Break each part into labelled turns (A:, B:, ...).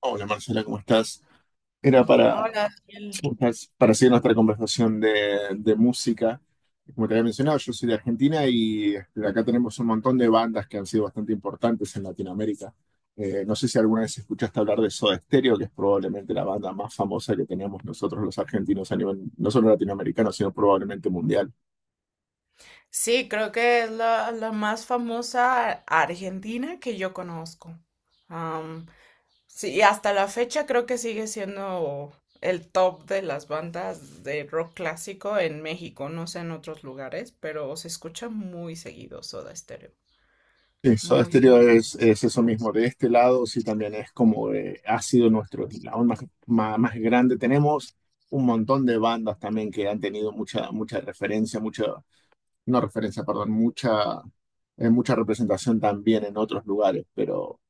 A: Hola Marcela, ¿cómo estás? Era para,
B: Hola, Ciel.
A: para seguir nuestra conversación de música. Como te había mencionado, yo soy de Argentina y este, acá tenemos un montón de bandas que han sido bastante importantes en Latinoamérica. No sé si alguna vez escuchaste hablar de Soda Stereo, que es probablemente la banda más famosa que teníamos nosotros los argentinos a nivel, no solo latinoamericano, sino probablemente mundial.
B: Sí, creo que es la más famosa argentina que yo conozco. Am, sí, y hasta la fecha creo que sigue siendo el top de las bandas de rock clásico en México, no sé en otros lugares, pero se escucha muy seguido Soda Stereo,
A: Sí, Soda
B: muy
A: Stereo
B: seguido.
A: es eso mismo. De este lado, sí, también es como ha sido nuestro lado más grande. Tenemos un montón de bandas también que han tenido mucha referencia, mucha, no referencia, perdón, mucha, mucha representación también en otros lugares, pero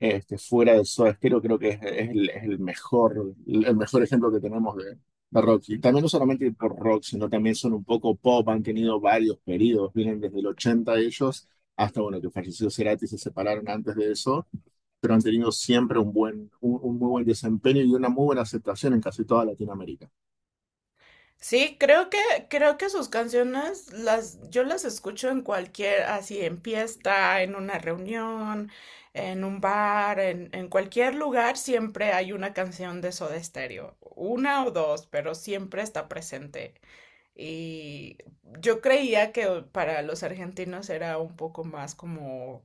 A: este, fuera de Soda Stereo, creo que es el mejor, el mejor ejemplo que tenemos de rock. Y también no solamente por rock, sino también son un poco pop, han tenido varios periodos, vienen desde el 80 ellos, hasta bueno, que falleció Cerati y se separaron antes de eso, pero han tenido siempre un buen, un muy buen desempeño y una muy buena aceptación en casi toda Latinoamérica.
B: Sí, creo que sus canciones las, yo las escucho en cualquier, así en fiesta, en una reunión, en un bar, en cualquier lugar siempre hay una canción de Soda Stereo, una o dos, pero siempre está presente. Y yo creía que para los argentinos era un poco más como,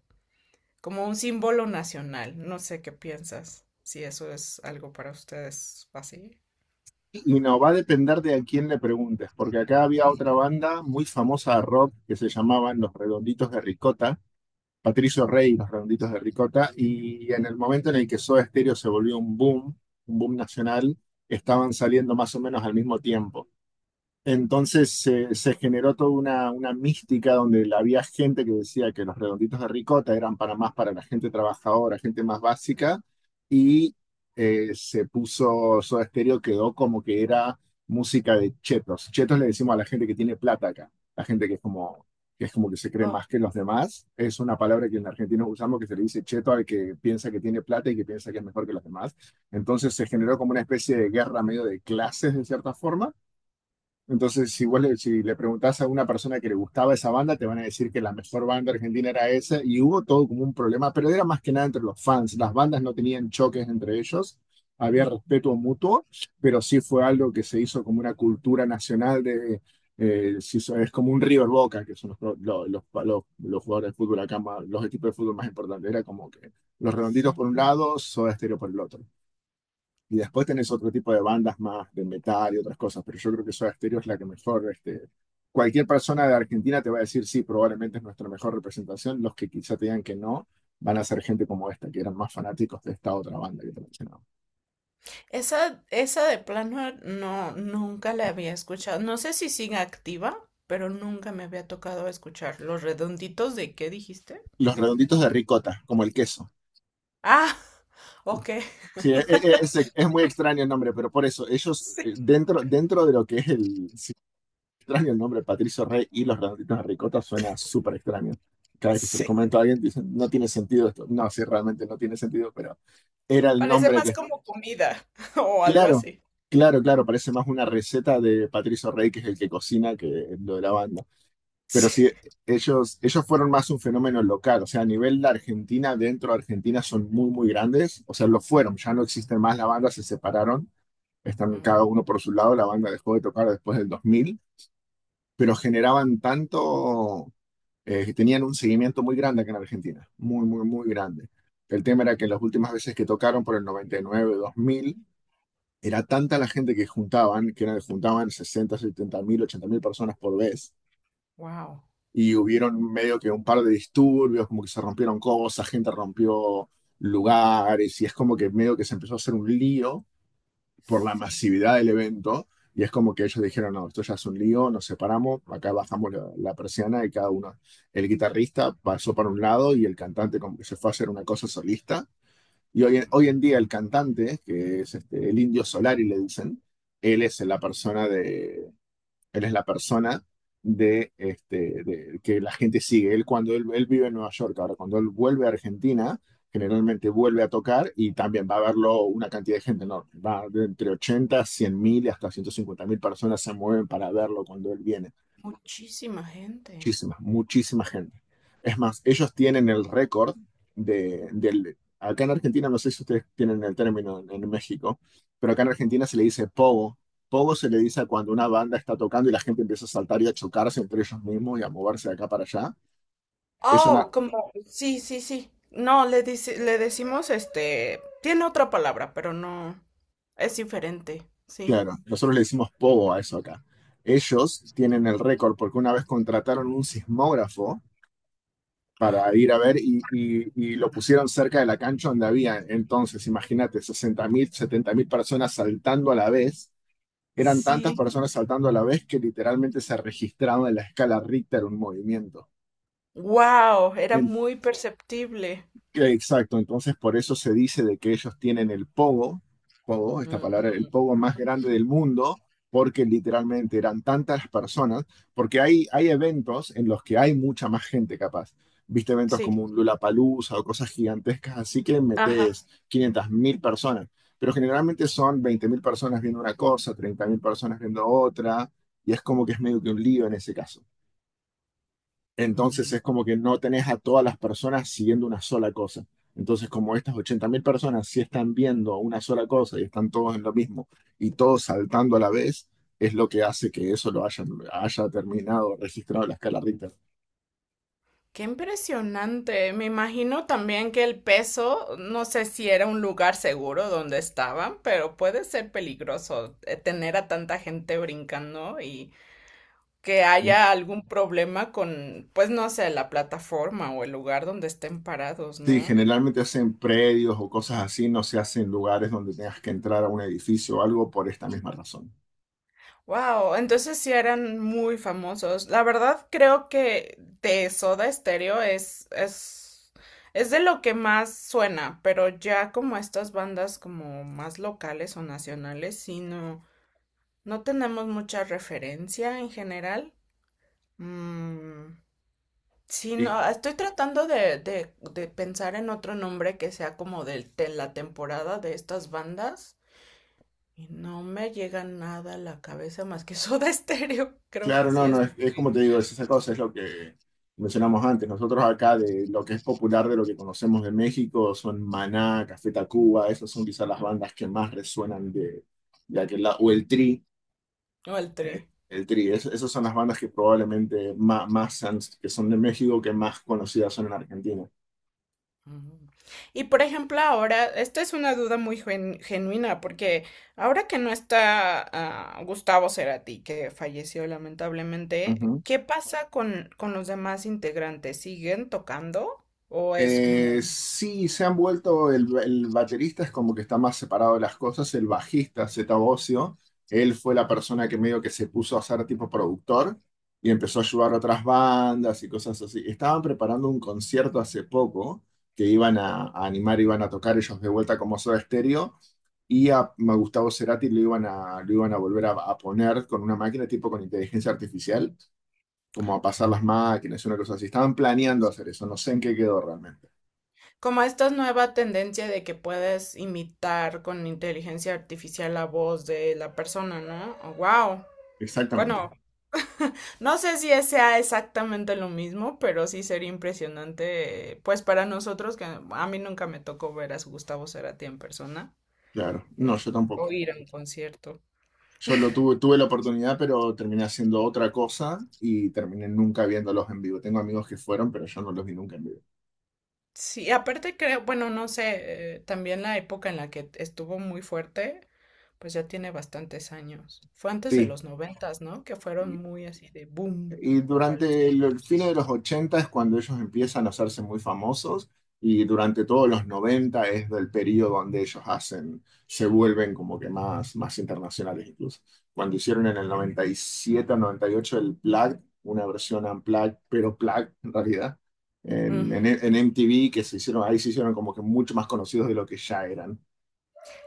B: como un símbolo nacional. No sé qué piensas, si eso es algo para ustedes así.
A: Y no va a depender de a quién le preguntes, porque acá había otra banda muy famosa de rock que se llamaban Los Redonditos de Ricota, Patricio Rey y los Redonditos de Ricota, y en el momento en el que Soda Stereo se volvió un boom nacional, estaban saliendo más o menos al mismo tiempo. Entonces se generó toda una mística donde había gente que decía que los redonditos de ricota eran para más para la gente trabajadora, gente más básica, y se puso, Soda Stereo quedó como que era música de chetos. Chetos le decimos a la gente que tiene plata acá, la gente que es como que se cree
B: Oh.
A: más que los demás. Es una palabra que en Argentina usamos que se le dice cheto al que piensa que tiene plata y que piensa que es mejor que los demás. Entonces se generó como una especie de guerra medio de clases de cierta forma entonces, si le preguntás a una persona que le gustaba esa banda, te van a decir que la mejor banda argentina era esa, y hubo todo como un problema, pero era más que nada entre los fans. Las bandas no tenían choques entre ellos, había
B: Mm.
A: respeto mutuo, pero sí fue algo que se hizo como una cultura nacional de, es como un River Boca, que son los, pro- lo- los jugadores de fútbol acá, los equipos de fútbol más importantes. Era como que los redonditos
B: Sí.
A: por un lado, Soda Stereo por el otro. Y después tenés otro tipo de bandas más de metal y otras cosas, pero yo creo que Soda Stereo es la que mejor, cualquier persona de Argentina te va a decir, sí, probablemente es nuestra mejor representación. Los que quizá te digan que no, van a ser gente como esta, que eran más fanáticos de esta otra banda que te mencionaba.
B: Esa de plano no, nunca la había escuchado. No sé si sigue activa, pero nunca me había tocado escuchar. ¿Los redonditos de qué dijiste?
A: Los redonditos de ricota, como el queso.
B: Ah, ok.
A: Sí, es muy extraño el nombre, pero por eso, ellos,
B: Sí,
A: dentro de lo que es el, sí, extraño el nombre, Patricio Rey y los redonditos de ricota suena súper extraño. Cada vez que se lo
B: sí.
A: comento a alguien, dicen, no tiene sentido esto. No, sí, realmente no tiene sentido, pero era el
B: Parece
A: nombre
B: más
A: que...
B: como comida o algo
A: Claro,
B: así.
A: claro, claro, parece más una receta de Patricio Rey, que es el que cocina, que lo de la banda. Pero
B: Sí.
A: sí, ellos fueron más un fenómeno local, o sea, a nivel de Argentina, dentro de Argentina son muy grandes, o sea, lo fueron, ya no existen más, la banda se separaron, están cada uno por su lado, la banda dejó de tocar después del 2000, pero generaban tanto, que tenían un seguimiento muy grande acá en Argentina, muy grande. El tema era que las últimas veces que tocaron por el 99, 2000, era tanta la gente que juntaban, que eran, juntaban 60, 70.000, 80.000 personas por vez.
B: Wow.
A: Y hubieron medio que un par de disturbios, como que se rompieron cosas, gente rompió lugares, y es como que medio que se empezó a hacer un lío por la
B: Sí.
A: masividad del evento. Y es como que ellos dijeron, no, esto ya es un lío, nos separamos, acá bajamos la persiana y cada uno, el guitarrista pasó para un lado y el cantante como que se fue a hacer una cosa solista y hoy, hoy en día el cantante, que es este, el Indio Solari, le dicen, él es la persona de, él es la persona de, este, de- que la gente sigue. Él, cuando él vive en Nueva York, ahora cuando él vuelve a Argentina, generalmente vuelve a tocar y también va a verlo una cantidad de gente enorme. Va de entre 80, 100.000 y hasta 150.000 personas se mueven para verlo cuando él viene.
B: Muchísima gente.
A: Muchísima, muchísima gente. Es más, ellos tienen el récord de, del... Acá en Argentina, no sé si ustedes tienen el término en, México, pero acá en Argentina se le dice pogo. Pogo se le dice a cuando una banda está tocando y la gente empieza a saltar y a chocarse entre ellos mismos y a moverse de acá para allá. Es una,
B: Oh, como, sí, sí, sí. No, le dice, le decimos este, tiene otra palabra, pero no, es diferente, sí.
A: claro, nosotros le decimos pogo a eso acá. Ellos tienen el récord porque una vez contrataron un sismógrafo para ir a ver y lo pusieron cerca de la cancha donde había entonces, imagínate, 60.000, 70.000 personas saltando a la vez. Eran tantas
B: Sí.
A: personas saltando a la vez que literalmente se registraba en la escala Richter un movimiento.
B: Wow, era
A: En
B: muy perceptible.
A: Exacto, entonces por eso se dice de que ellos tienen el pogo, pogo, esta
B: Mm.
A: palabra, el pogo más grande del mundo, porque literalmente eran tantas las personas, porque hay eventos en los que hay mucha más gente capaz. Viste eventos
B: Sí.
A: como un Lollapalooza o cosas gigantescas, así que
B: Ajá.
A: metes 500.000 personas, pero generalmente son 20.000 personas viendo una cosa, 30.000 personas viendo otra, y es como que es medio que un lío en ese caso. Entonces
B: Mm.
A: es como que no tenés a todas las personas siguiendo una sola cosa. Entonces como estas 80.000 personas sí están viendo una sola cosa y están todos en lo mismo y todos saltando a la vez, es lo que hace que eso haya terminado registrado en la escala Richter.
B: Qué impresionante. Me imagino también que el peso, no sé si era un lugar seguro donde estaban, pero puede ser peligroso tener a tanta gente brincando y que
A: Sí,
B: haya algún problema con, pues no sé, la plataforma o el lugar donde estén parados,
A: sí,
B: ¿no?
A: generalmente hacen predios o cosas así, no se hacen en lugares donde tengas que entrar a un edificio o algo por esta misma razón.
B: Wow, entonces sí eran muy famosos. La verdad creo que de Soda Stereo es de lo que más suena, pero ya como estas bandas como más locales o nacionales, sí no, no tenemos mucha referencia en general. Mm, sí,
A: Y
B: no, estoy tratando de pensar en otro nombre que sea como de la temporada de estas bandas. Y no me llega nada a la cabeza más que Soda Stereo. Creo que
A: claro,
B: sí
A: no, no,
B: es.
A: es como te digo, es esa cosa, es lo que mencionamos antes. Nosotros acá de lo que es popular de lo que conocemos de México son Maná, Café Tacuba, esas son quizás las
B: Mm.
A: bandas que más resuenan de aquel lado, o
B: O al tri.
A: el Tri, esas son las bandas que probablemente más que son de México que más conocidas son en Argentina.
B: Ujú. Y por ejemplo, ahora, esta es una duda muy genuina, porque ahora que no está Gustavo Cerati, que falleció lamentablemente, ¿qué pasa con los demás integrantes? ¿Siguen tocando? ¿O es como,
A: Sí, se han vuelto, el baterista es como que está más separado de las cosas, el bajista, Zeta Bosio, él fue la persona que medio que se puso a ser tipo productor y empezó a ayudar a otras bandas y cosas así. Estaban preparando un concierto hace poco que iban a animar, iban a tocar ellos de vuelta como Soda Stereo y a Gustavo Cerati lo iban a volver a poner con una máquina tipo con inteligencia artificial, como a pasar las máquinas, una cosa así. Estaban planeando hacer eso, no sé en qué quedó realmente.
B: como esta nueva tendencia de que puedes imitar con inteligencia artificial la voz de la persona, ¿no? Wow.
A: Exactamente,
B: Bueno, no sé si sea exactamente lo mismo, pero sí sería impresionante, pues para nosotros, que a mí nunca me tocó ver a Gustavo Cerati en persona,
A: claro. No,
B: eh,
A: yo tampoco.
B: o ir a un concierto.
A: Yo tuve la oportunidad, pero terminé haciendo otra cosa y terminé nunca viéndolos en vivo. Tengo amigos que fueron, pero yo no los vi nunca en vivo.
B: Sí, aparte creo, bueno, no sé, también la época en la que estuvo muy fuerte, pues ya tiene bastantes años. Fue antes de
A: Sí.
B: los noventas, ¿no? Que fueron muy así de boom
A: Y
B: o a los
A: durante
B: dos.
A: el fin de los 80 es cuando ellos empiezan a hacerse muy famosos y durante todos los 90 es del periodo donde ellos hacen, se vuelven como que más internacionales incluso. Cuando hicieron en el 97 o 98 el Plug, una versión unplugged, pero Plug en realidad, en, en MTV, que se hicieron, ahí se hicieron como que mucho más conocidos de lo que ya eran.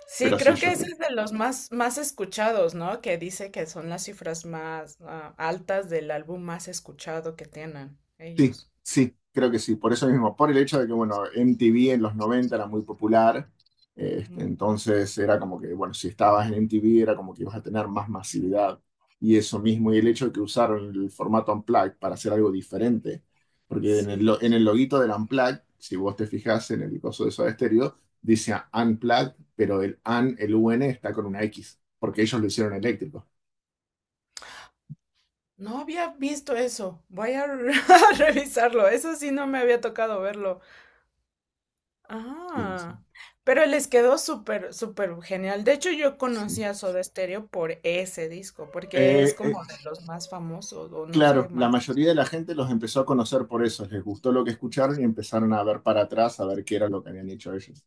B: Sí,
A: Pero sí,
B: creo que
A: yo
B: ese
A: creo.
B: es de los más, más escuchados, ¿no? Que dice que son las cifras más altas del álbum más escuchado que tienen
A: Sí,
B: ellos.
A: sí, creo que sí, por eso mismo, por el hecho de que, bueno, MTV en los 90 era muy popular,
B: Mm,
A: entonces era como que, bueno, si estabas en MTV era como que ibas a tener más masividad y eso mismo, y el hecho de que usaron el formato Unplugged para hacer algo diferente, porque
B: sí,
A: en el loguito del Unplugged, si vos te fijas en el coso de Soda Stereo, dice Unplugged, pero el un está con una X, porque ellos lo hicieron eléctrico.
B: no había visto eso. Voy a a revisarlo. Eso sí no me había tocado verlo.
A: Sí, sí.
B: Ah, pero les quedó súper, súper genial. De hecho, yo conocí
A: Sí.
B: a Soda Stereo por ese disco, porque es
A: Eh, eh,
B: como de los más famosos, o no sé,
A: Claro, la
B: más.
A: mayoría de la gente los empezó a conocer por eso, les gustó lo que escucharon y empezaron a ver para atrás, a ver qué era lo que habían hecho ellos.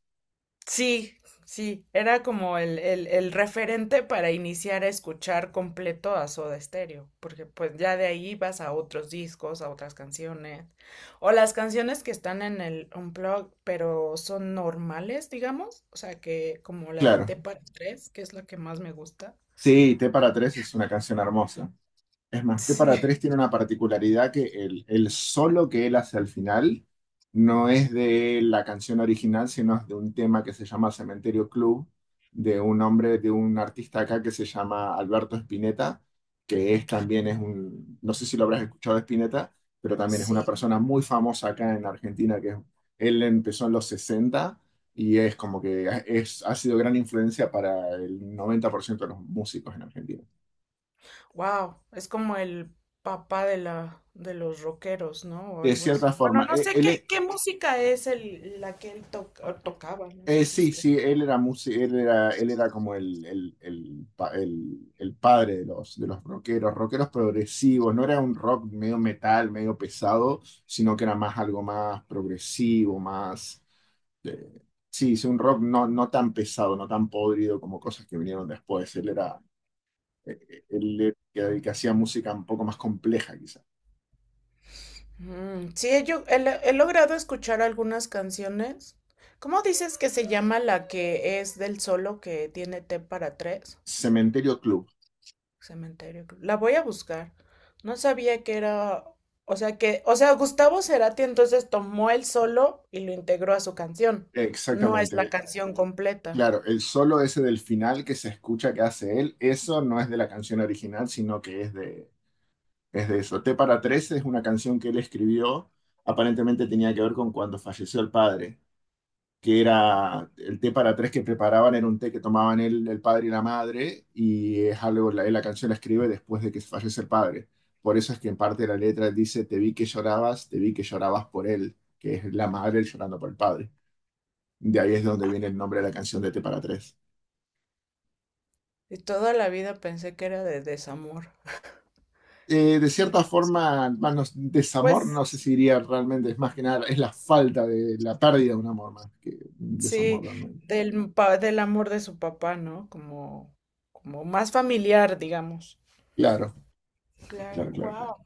B: Sí, sí, era como el referente para iniciar a escuchar completo a Soda Stereo, porque pues ya de ahí vas a otros discos, a otras canciones, o las canciones que están en el Unplugged, pero son normales, digamos, o sea que como la de
A: Claro,
B: Tepa 3, que es la que más me gusta.
A: sí, T para tres es una canción hermosa. Es más, T para
B: Sí.
A: tres tiene una particularidad que el solo que él hace al final no es de la canción original, sino es de un tema que se llama Cementerio Club, de un hombre, de un artista acá que se llama Alberto Spinetta, que es también es un, no sé si lo habrás escuchado Spinetta, pero también es una
B: Sí.
A: persona muy famosa acá en Argentina, que es- él empezó en los 60 y es como que es, ha sido gran influencia para el 90% de los músicos en Argentina.
B: Wow, es como el papá de la de los rockeros, ¿no? O
A: De
B: algo
A: cierta
B: así. Bueno,
A: forma,
B: no sé qué,
A: él,
B: qué música es el, la que él o tocaba, no sé si
A: Sí,
B: sí.
A: sí, él era músico, él era como el padre de los rockeros, rockeros progresivos, no era un rock medio metal, medio pesado, sino que era más algo más progresivo, más, eh, sí, sí, un rock no, no tan pesado, no tan podrido como cosas que vinieron después, él era el que hacía música un poco más compleja quizás.
B: Mm, sí, he, yo- he le- he logrado escuchar algunas canciones. ¿Cómo dices que se llama la que es del solo que tiene T para tres?
A: Cementerio Club,
B: Cementerio. Cruz. La voy a buscar. No sabía que era, o sea que, o sea, Gustavo Cerati entonces tomó el solo y lo integró a su canción. No es la
A: exactamente.
B: canción completa.
A: Claro, el solo ese del final que se escucha que hace él, eso no es de la canción original, sino que es de eso. T para tres es una canción que él escribió, aparentemente tenía que ver con cuando falleció el padre, que era el té para tres que preparaban, era un té que tomaban él, el padre y la madre, y es algo, la canción la escribe después de que fallece el padre. Por eso es que en parte de la letra él dice, te vi que llorabas, te vi que llorabas por él, que es la madre llorando por el padre. De ahí es donde viene el nombre de la canción de T para tres.
B: Y toda la vida pensé que era de desamor.
A: De
B: que-
A: cierta forma, bueno, desamor,
B: Pues
A: no sé si diría realmente, es más que nada, es la falta de la pérdida de un amor más que un desamor
B: sí,
A: realmente.
B: del amor de su papá, ¿no? Como más familiar, digamos.
A: Claro,
B: Claro,
A: claro, claro, claro.
B: wow.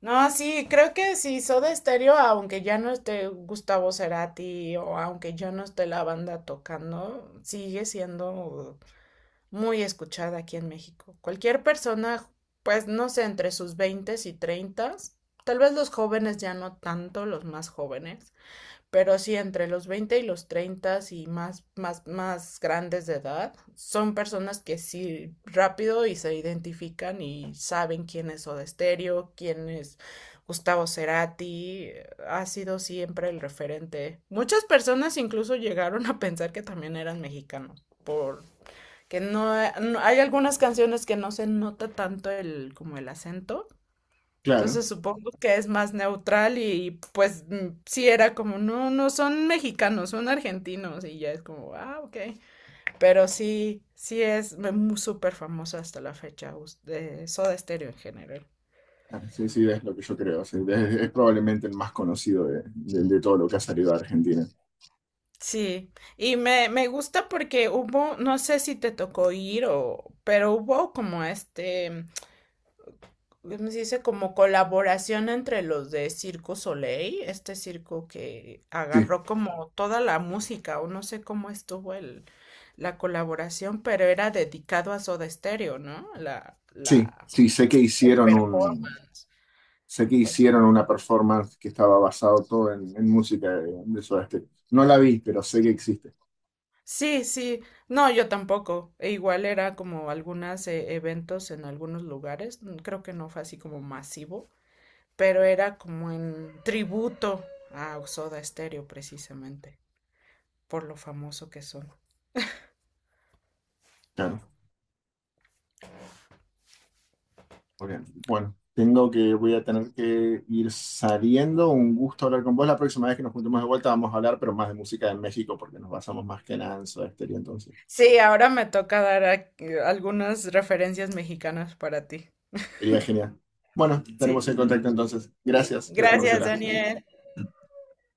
B: No, sí, creo que sí, Soda Stereo, aunque ya no esté Gustavo Cerati o aunque ya no esté la banda tocando, sigue siendo muy escuchada aquí en México. Cualquier persona, pues no sé, entre sus veintes y treintas, tal vez los jóvenes ya no tanto, los más jóvenes. Pero sí, entre los 20 y los 30 y más, más, más grandes de edad, son personas que sí rápido y se identifican y saben quién es Soda Stereo, quién es Gustavo Cerati, ha sido siempre el referente. Muchas personas incluso llegaron a pensar que también eran mexicanos, por que no, hay algunas canciones que no se nota tanto el como el acento,
A: Claro,
B: entonces supongo que es más neutral y pues sí era como, no, no son mexicanos, son argentinos y ya es como, ok. Pero sí, sí es muy súper famosa hasta la fecha de Soda Stereo en general.
A: ah, sí, sí, es lo que yo creo. Sí, es probablemente el más conocido de todo lo que ha salido de Argentina.
B: Sí, y me gusta porque hubo, no sé si te tocó ir o, pero hubo como este, ¿cómo se dice? Como colaboración entre los de Circo Soleil, este circo que
A: Sí,
B: agarró como toda la música, o no sé cómo estuvo el, la colaboración, pero era dedicado a Soda Stereo, ¿no? La,
A: sí,
B: la,
A: sí,
B: el performance.
A: sé que
B: Pues,
A: hicieron una performance que estaba basado todo en música de Soda Stereo. No la vi, pero sé que existe.
B: sí, sí, no, yo tampoco. E igual era como algunos eventos en algunos lugares, creo que no fue así como masivo, pero era como en tributo a Soda Stereo precisamente, por lo famoso que son.
A: Claro. Muy bien. Bueno, voy a tener que ir saliendo. Un gusto hablar con vos. La próxima vez que nos juntemos de vuelta vamos a hablar, pero más de música de México, porque nos basamos más que nada en Soda Stereo, entonces.
B: Sí, ahora me toca dar algunas referencias mexicanas para ti.
A: Sería genial. Bueno, tenemos
B: Sí.
A: el contacto entonces. Gracias. Cuídate,
B: Gracias,
A: Marcela.
B: Daniel.